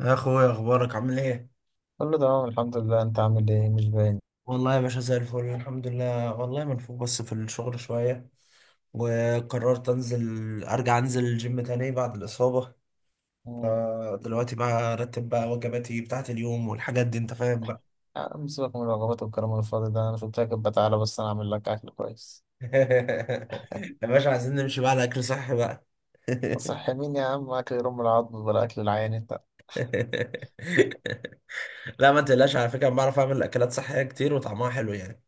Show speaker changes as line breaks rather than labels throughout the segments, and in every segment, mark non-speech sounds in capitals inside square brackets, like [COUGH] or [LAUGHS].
يا اخويا، اخبارك عامل ايه؟
كله تمام الحمد لله. انت عامل ايه؟ مش باين.
والله يا باشا زي الفل، الحمد لله. والله منفوخ بس في الشغل شويه، وقررت ارجع انزل الجيم تاني بعد الاصابه.
مم.
دلوقتي بقى ارتب بقى وجباتي بتاعت اليوم والحاجات دي، انت فاهم بقى.
عم، سيبك من الوجبات والكلام الفاضي ده، انا شفتك كده، تعالى بس انا اعمل لك اكل كويس.
[LAUGHS] يا باشا، عايزين نمشي بقى على اكل صحي بقى.
صحي مين يا عم؟ اكل يرم العظم ولا اكل العيان انت؟
[LAUGHS] لا، ما تقلقش، على فكره أنا بعرف اعمل اكلات صحيه كتير وطعمها حلو يعني.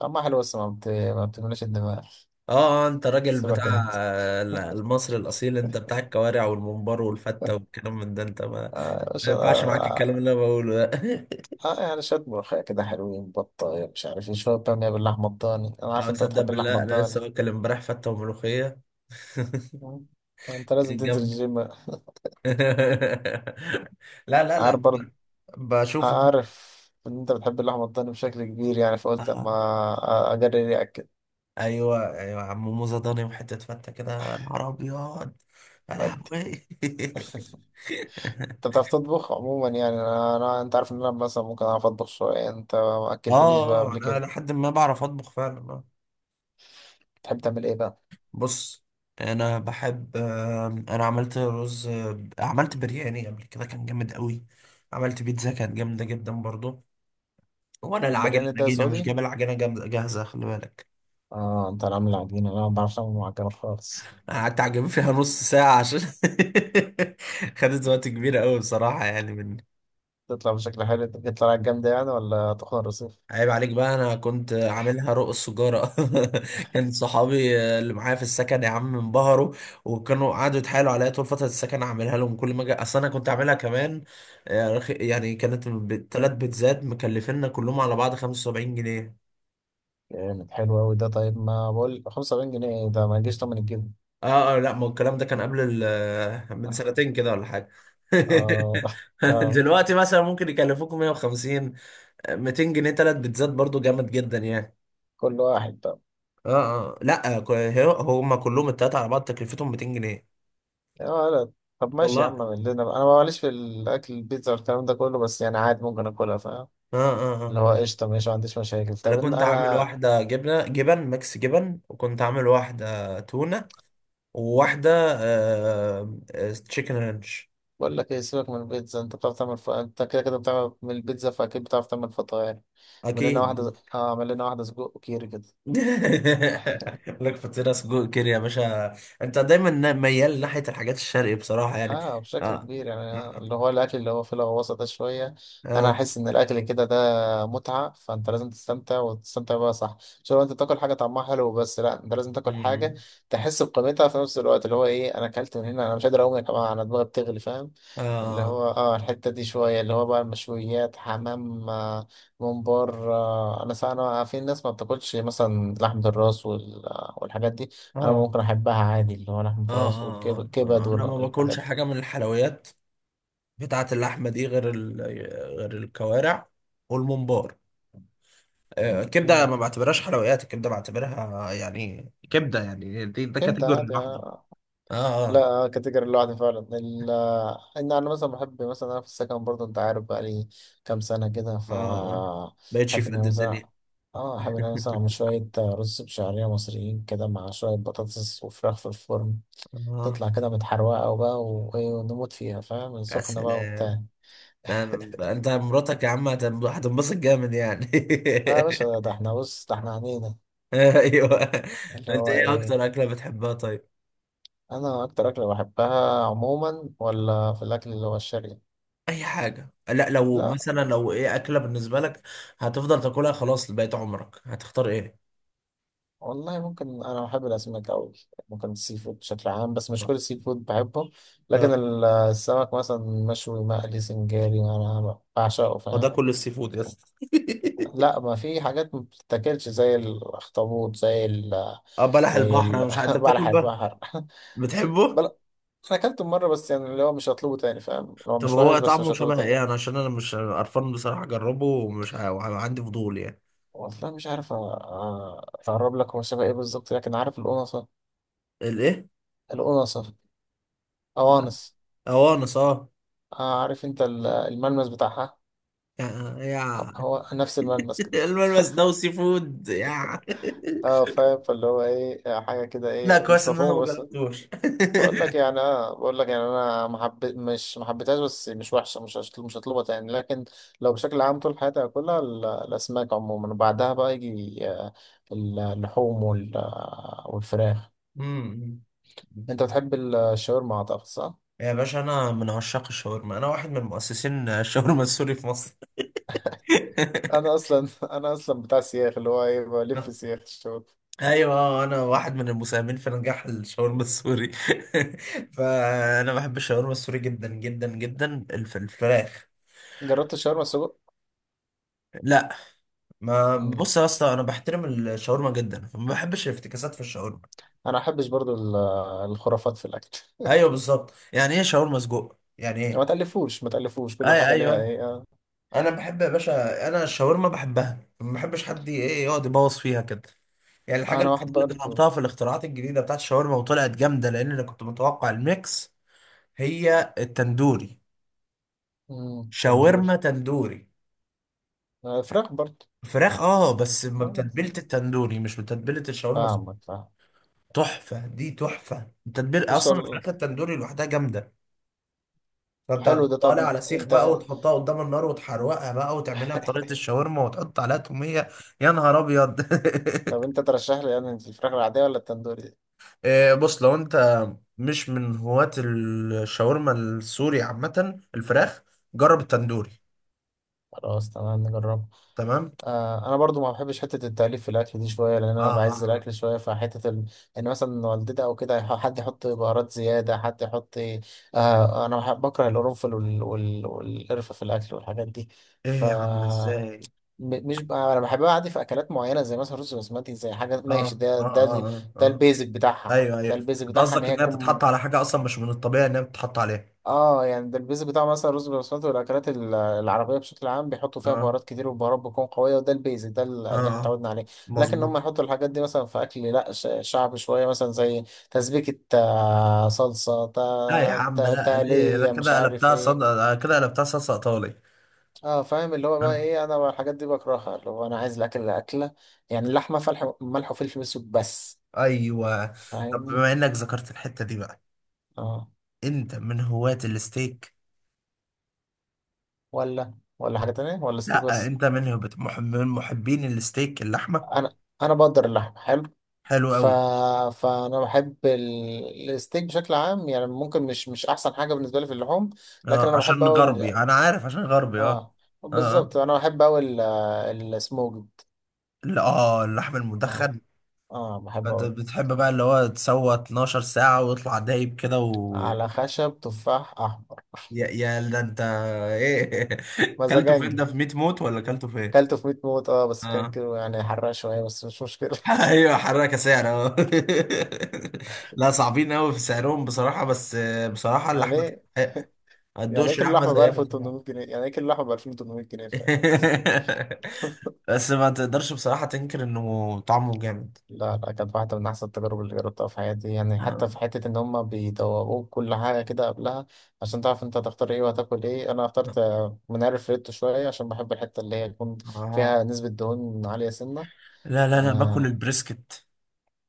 طعمها حلو بس ما بتملاش الدماغ.
اه. انت راجل
سيبك
بتاع،
انت.
المصري الاصيل، انت بتاع الكوارع والممبار والفته
[LAUGHS]
والكلام من ده. انت ما
آه مش
ما ينفعش معاك الكلام
آه
اللي انا بقوله ده. [LAUGHS]
يعني شوية ملوخية كده حلوين، بطة، مش عارف ايه، شوية بامية باللحمة الضاني. انا
او
عارف انت
تصدق
بتحب اللحمة
بالله، انا لسه
الضاني.
واكل امبارح فته وملوخيه. [LAUGHS]
مم. انت لازم
كانت
تنزل
جامده.
الجيم.
[LAUGHS] لا، لا،
[LAUGHS]
لا.
عارف برضه.
بشوف.
عارف ان انت بتحب اللحمه الضاني بشكل كبير، يعني فقلت
آه،
اما اجرب اكل.
ايوه، ايوه، عم موزه ضاني وحته فته كده، نهار ابيض. يا
انت
لهوي.
بتعرف تطبخ عموما؟ يعني انا انت عارف ان انا مثلا ممكن اعرف اطبخ شويه، انت ما
[LAUGHS]
اكلتنيش بقى
اه،
قبل
انا
كده.
لحد ما بعرف اطبخ فعلا.
تحب تعمل ايه بقى؟
بص، انا بحب آم، انا عملت رز، عملت برياني قبل كده كان جامد قوي، عملت بيتزا كانت جامده جدا برضو. وانا العجله
برياني
اللي
ده
جينا مش
سعودي.
جايب، العجله جامده جاهزه، خلي بالك.
اه انت اللي عامل العجينه، انا ما بعرفش اعمل معجنات خالص.
أنا قعدت اعجب فيها نص ساعه عشان، [LAUGHS] خدت وقت كبير قوي بصراحه، يعني من،
تطلع بشكل حلو، تطلع جامده يعني ولا تخن الرصيف؟
عيب عليك بقى، انا كنت عاملها رق السجارة. [LAUGHS] كان صحابي اللي معايا في السكن يا عم انبهروا، وكانوا قعدوا يتحايلوا عليا طول فترة السكن اعملها لهم كل ما اجي. اصل انا كنت عاملها كمان يعني كانت ثلاث بيتزات مكلفيننا كلهم على بعض 75 جنيه.
جامد حلو أوي ده. طيب ما بقول 75 جنيه ده ما يجيش تمن الجبن.
اه اه، لا، ما هو الكلام ده كان من سنتين كده ولا حاجة.
اه [LAUGHS]
[LAUGHS]
آه،
دلوقتي مثلا ممكن يكلفوكم 150، 200 جنيه ثلاث بيتزات، برضو جامد جدا يعني.
كل واحد بقى؟
اه، اه، لا، هما كلهم التلاتة على بعض تكلفتهم 200 جنيه.
يا ولد. طب ماشي
والله
يا
اه،
عم، اعمل لنا بقى. انا ماليش في الاكل البيتزا والكلام ده كله، بس يعني عادي ممكن اكلها، فاهم؟
اه، اه،
اللي هو قشطه ماشي، ما عنديش مشاكل.
انا
طب إن
كنت عامل
انا
واحدة جبنة، جبن ميكس جبن، وكنت عامل واحدة تونة، وواحدة تشيكن رانش.
بقول لك ايه، سيبك من البيتزا. انت بتعرف تعمل انت كده كده بتعمل من البيتزا، فاكيد بتعرف تعمل فطاير. اعمل لنا
اكيد.
واحده، اه اعمل لنا واحده سجق وكيري كده.
[LAUGHS] لك فطيرة سجق كده يا باشا. انت دايما ميال ناحية الحاجات الشرقي بصراحة يعني.
اه بشكل
اه،
كبير، يعني
اه،
اللي هو الاكل اللي هو فيه الغواصه ده شويه. انا
اه،
احس ان الاكل كده ده متعه، فانت لازم تستمتع وتستمتع بقى، صح؟ مش لو انت تاكل حاجه طعمها حلو بس، لا، انت لازم تاكل حاجه تحس بقيمتها في نفس الوقت. اللي هو ايه، انا اكلت من هنا انا مش قادر اقوم يا جماعه، انا دماغي بتغلي، فاهم؟
اه،
اللي
اه،
هو اه الحته دي شويه، اللي هو بقى المشويات، حمام، ممبار. انا انا في ناس ما بتاكلش مثلا لحمه الراس والحاجات دي. انا
اه،
ممكن احبها عادي، اللي هو لحمه
اه،
الراس
اه،
والكبد
اه، انا ما
والحاجات
باكلش
دي.
حاجه من الحلويات قطعة اللحمة دي غير الكوارع والممبار. الكبدة
مم.
ما بعتبرهاش حلويات، الكبدة بعتبرها يعني كبده، يعني دي ده
ابدأ
كاتيجوري
عادي.
لوحده. اه،
لا.
اه،
كاتيجوري لوحدي فعلا. ان انا مثلا بحب، مثلا انا في السكن برضه انت عارف بقالي كام سنه كده. ف
اه، اه، بقتش
احب
في
ان انا
قد الدنيا.
مثلا اه
[LAUGHS]
احب ان انا مثلا اعمل شويه، رز بشعريه مصريين كده مع شويه بطاطس وفراخ في الفرن.
اه،
تطلع كده متحروقه وبقى وايه، ونموت فيها، فاهم؟
يا
سخنه بقى
سلام.
وبتاع.
انت مراتك يا عم هتنبسط جامد يعني.
اه يا باشا،
[LAUGHS]
ده احنا بص ده احنا عنينا.
ايوه.
اللي
انت
هو
ايه
ايه،
اكتر اكله بتحبها طيب؟
انا اكتر اكله بحبها عموما ولا في الاكل اللي هو الشرقي؟
اي حاجه، لا لو
لا.
مثلا، ايه اكله بالنسبه لك هتفضل تاكلها خلاص لبقيت عمرك هتختار ايه؟
والله ممكن انا بحب الاسماك قوي، ممكن السي فود بشكل عام، بس مش كل السي فود بحبه.
اه،
لكن السمك مثلا مشوي، مقلي، سنجاري، انا بعشقه،
ما ده
فاهم؟
كل السي فود يا اسطى. [LAUGHS]
لا، ما في حاجات ما بتتاكلش، زي الاخطبوط، زي ال
اه، بلح
زي
البحر، انا
ال [LAUGHS]
مش عارف انت بتاكل
بلح
بقى،
البحر. [LAUGHS]
بتحبه؟
بل انا اكلته مره بس، يعني اللي هو مش هطلبه تاني فاهم، اللي هو
طب
مش
هو
وحش، بس مش
طعمه
هطلبه
شبه
تاني.
ايه؟ انا عشان انا مش قرفان بصراحه، اجربه وعندي فضول يعني.
والله مش عارف. اقرب لك هو شبه ايه بالظبط، لكن عارف القنصه؟
الايه؟
القنصه. قوانص.
اوانس، اه.
عارف انت الملمس بتاعها،
يا يا،
هو نفس الملمس
[LAUGHS]
كده.
الملمس ده والسي فود يا!
اه فاهم، فاللي هو ايه، حاجه كده
[LAUGHS] لا،
ايه
كويس
مش
ان انا ما
مفهومه، بس
جربتوش. [LAUGHS]
بقول لك يعني انا محب، مش محبتهاش، بس مش وحشه، مش هطلبها تاني. لكن لو بشكل عام طول حياتي هاكلها، الاسماك عموما. وبعدها بقى يجي اللحوم والفراخ.
أمم.
انت بتحب الشاورما اعتقد، صح؟
يا باشا، انا من عشاق الشاورما، انا واحد من مؤسسين الشاورما السوري في مصر. [LAUGHS]
انا اصلا [LAUGHS] انا اصلا بتاع سياخ، اللي هو ايه، بلف سياخ الشاورما.
ايوه، انا واحد من المساهمين في نجاح الشاورما السوري. [LAUGHS] فانا بحب الشاورما السوري جدا جدا جدا، الفراخ.
جربت الشاورما السجق؟
لا. ما
مم.
بص يا اسطى، انا بحترم الشاورما جدا، فما بحبش الافتكاسات في الشاورما.
انا ما احبش برضو الخرافات في الاكل.
ايوه بالظبط، يعني ايه شاورما سجق؟ يعني
ما
ايه.
تألفوش ما تألفوش، كل
اي،
حاجة ليها
ايوه.
ايه. آه.
انا بحب يا باشا، انا الشاورما بحبها، ما بحبش حد ايه يقعد يبوظ فيها كده. يعني الحاجه
انا واحد
الوحيده اللي
برضه.
جربتها في الاختراعات الجديده بتاعت الشاورما وطلعت جامده، لان انا كنت متوقع الميكس، هي التندوري.
تندور.
شاورما تندوري
فراخ برضه.
فراخ، اه، بس ما
آه،
بتتبيله التندوري، مش بتتبيله الشاورما.
فاهمك، فاهم.
تحفه، دي تحفه، التتبيله
بص
اصلا الفراخ التندوري لوحدها جامده. فانت
حلو ده.
هتحطها
طب
لي على سيخ
انت،
بقى وتحطها قدام النار وتحروقها بقى، وتعملها بطريقه الشاورما وتحط عليها توميه. يا نهار ابيض.
طب انت ترشح لي يعني الفراخ العادية ولا التندوري دي؟
[LAUGHS] بص، لو انت مش من هواة الشاورما السوري عامه الفراخ، جرب
مم.
التندوري.
خلاص تمام، نجربها.
تمام.
آه، انا برضو ما بحبش حتة التأليف في الاكل دي شوية، لان
اه،
انا
اه،
بعز
آه.
الاكل شوية. فحتة ان مثلا والدتي او كده حد يحط بهارات زيادة، حد يحط، آه انا بكره القرنفل والقرفة في الاكل والحاجات دي.
ايه
ف
يا عم، ازاي؟
مش بقى، انا بحبها عادي في اكلات معينه زي مثلا رز بسمتي، زي حاجه ماشي.
اه، اه، اه،
ده
اه.
البيزك بتاعها،
ايوه، ايوه،
ده البيزك
انت
بتاعها ان
قصدك
هي
انها بتتحط
تكون.
على حاجه اصلا مش من الطبيعي انها بتتحط عليها.
اه يعني ده البيزك بتاع مثلا رز بسمتي والاكلات العربيه بشكل عام، بيحطوا فيها
اه،
بهارات كتير والبهارات بتكون قويه، وده البيزك ده
اه،
اللي احنا
آه،
اتعودنا عليه. لكن هم
مظبوط.
يحطوا الحاجات دي مثلا في اكل لا شعبي شويه، مثلا زي تسبيكه، صلصه،
لا يا عم، لا، ليه ده؟
تقليه، مش عارف ايه.
كده قلبتها صلصه ايطالي.
اه فاهم، اللي هو بقى
آه.
ايه، انا بقى الحاجات دي بكرهها، اللي هو انا عايز الاكل اللي اكله يعني اللحمه، فلح ملح وفلفل اسود بس،
ايوه. طب
فاهمني؟
بما انك ذكرت الحته دي بقى،
اه.
انت من هواة الستيك؟
ولا ولا حاجه تانية، ولا ستيك
لا،
بس؟
انت من هواة من محبين الستيك، اللحمه.
انا، انا بقدر اللحمه حلو.
حلو
ف...
قوي.
فانا بحب الستيك بشكل عام، يعني ممكن مش، احسن حاجه بالنسبه لي في اللحوم. لكن
اه،
انا بحب
عشان
اقول،
غربي، انا عارف، عشان غربي، اه.
اه
اه، آه.
بالظبط انا بحب اقول السموكد.
لا، اه، اللحم
اه
المدخن.
اه بحب
انت
اقول
بتحب بقى اللي هو تسوى 12 ساعة ويطلع دايب كده و،
على خشب تفاح احمر.
يا ده انت ايه! [LAUGHS] كلته فين
مزاجنج.
ده؟ في 100 موت ولا كلته فين؟
كلته في 100 موت، اه بس كان
اه.
كيلو يعني، حرق شويه بس مش مشكله.
[LAUGHS]
[LAUGHS]
ايوه، حركة سعر، اه. [LAUGHS] لا، صعبين قوي في سعرهم بصراحة، بس بصراحة
يعني
اللحمة
ايه،
تستحق. ما
يعني ايه
تدوقش
كيلو
لحمة
لحمه ب
زيها بصراحة.
1800 جنيه؟ يعني ايه كيلو لحمه ب 2800 جنيه فعلا؟
[LAUGHS] بس ما تقدرش بصراحة تنكر انه طعمه جامد.
لا لا، كانت واحدة من أحسن التجارب اللي جربتها في حياتي، يعني
اه،
حتى في حتة إن هما بيدوقوك كل حاجة كده قبلها عشان تعرف أنت هتختار إيه وهتاكل إيه. أنا اخترت منقار فريتو شوية عشان بحب الحتة اللي هي تكون
آه.
فيها نسبة دهون عالية سنة.
لا، لا، انا باكل
آه
البريسكت.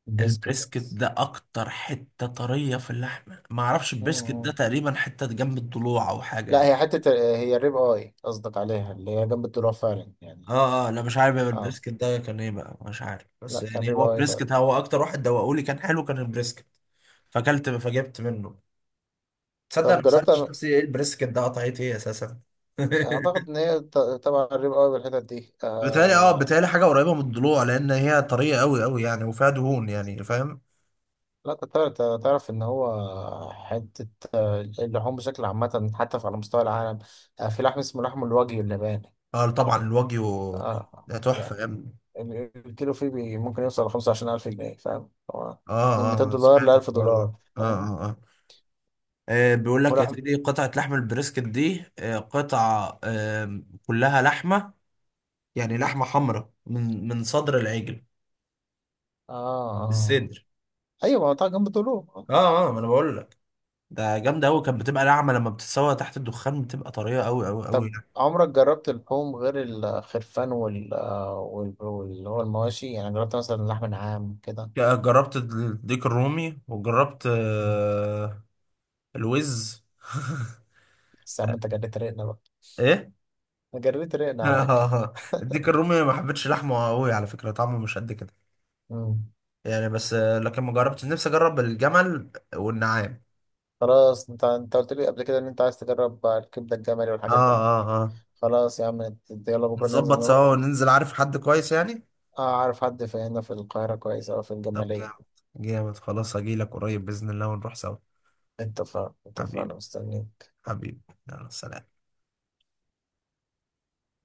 بريسكت.
البريسكت ده اكتر حتة طرية في اللحمة. ما اعرفش
مم،
البريسكت ده
مم.
تقريبا حتة جنب الضلوع او حاجة
لا،
يعني.
هي حتة، هي الريب آي قصدك عليها، اللي هي جنب الدروع فعلا يعني.
اه، اه، انا مش عارف يا،
آه،
البريسكت ده كان ايه بقى، مش عارف، بس
لا كان
يعني
ريب
هو
آي.
بريسكت. هو اكتر واحد دوقولي كان حلو كان البريسكت، فاكلت فجبت منه. تصدق انا
طب
ما
جربت
سالتش
أنا،
نفسي ايه البريسكت ده قطعت ايه اساسا.
أعتقد
[LAUGHS]
إن هي تبع الريب أوي بالحتت دي.
بتهيألي اه بتهيألي حاجة قريبة من الضلوع، لأن هي طرية أوي أوي يعني، وفيها دهون يعني، فاهم؟
لا كنت تعرف، تعرف إن هو حتة، اللحوم بشكل عامة حتى على مستوى العالم، آه في لحم اسمه لحم الوجه اللباني.
اه، طبعا، الواجيو
آه
ده تحفة يا
يعني
ابني.
الكيلو فيه بي ممكن يوصل ل25000 جنيه، فاهم؟ هو من 200
اه، اه،
دولار
سمعت
لألف
الحوار ده.
دولار
اه،
فاهم؟
اه، اه، بيقول لك يا
ولحم،
سيدي قطعة لحم البريسكت دي، آه، قطعة، كلها لحمة، يعني لحمة حمراء، من صدر العجل،
آه آه
الصدر.
أيوة. ما هو طبعا جنب طوله.
اه، اه، ما انا بقول لك. ده جامدة قوي، كانت بتبقى ناعمة لما بتتسوى تحت الدخان، بتبقى طرية قوي قوي قوي.
طب عمرك جربت اللحوم غير الخرفان واللي هو المواشي، يعني جربت مثلا لحم نعام كده؟
جربت الديك الرومي، وجربت
مم.
الوز. [LAUGHS]
بس يا عم انت جريت رقنا بقى.
ايه؟
انا جريت رقنا
اه،
على الأكل.
آه، آه. الديك الرومي ما حبيتش لحمه قوي على فكرة، طعمه مش قد كده
مم.
يعني. بس لكن ما جربتش نفسي اجرب الجمل والنعام.
خلاص انت، قلت لي قبل كده ان انت عايز تجرب الكبدة الجملي
اه،
والحاجات دي.
اه، آه.
خلاص يا عم يلا بكرة ننزل
نظبط
نروح.
سوا وننزل، عارف حد كويس يعني.
اعرف حد في هنا في القاهرة كويس او في
طب
الجمالية.
جامد. جامد، خلاص، هجيلك قريب بإذن الله ونروح سوا.
اتفقنا اتفقنا،
حبيبي.
مستنيين.
حبيبي. يلا سلام.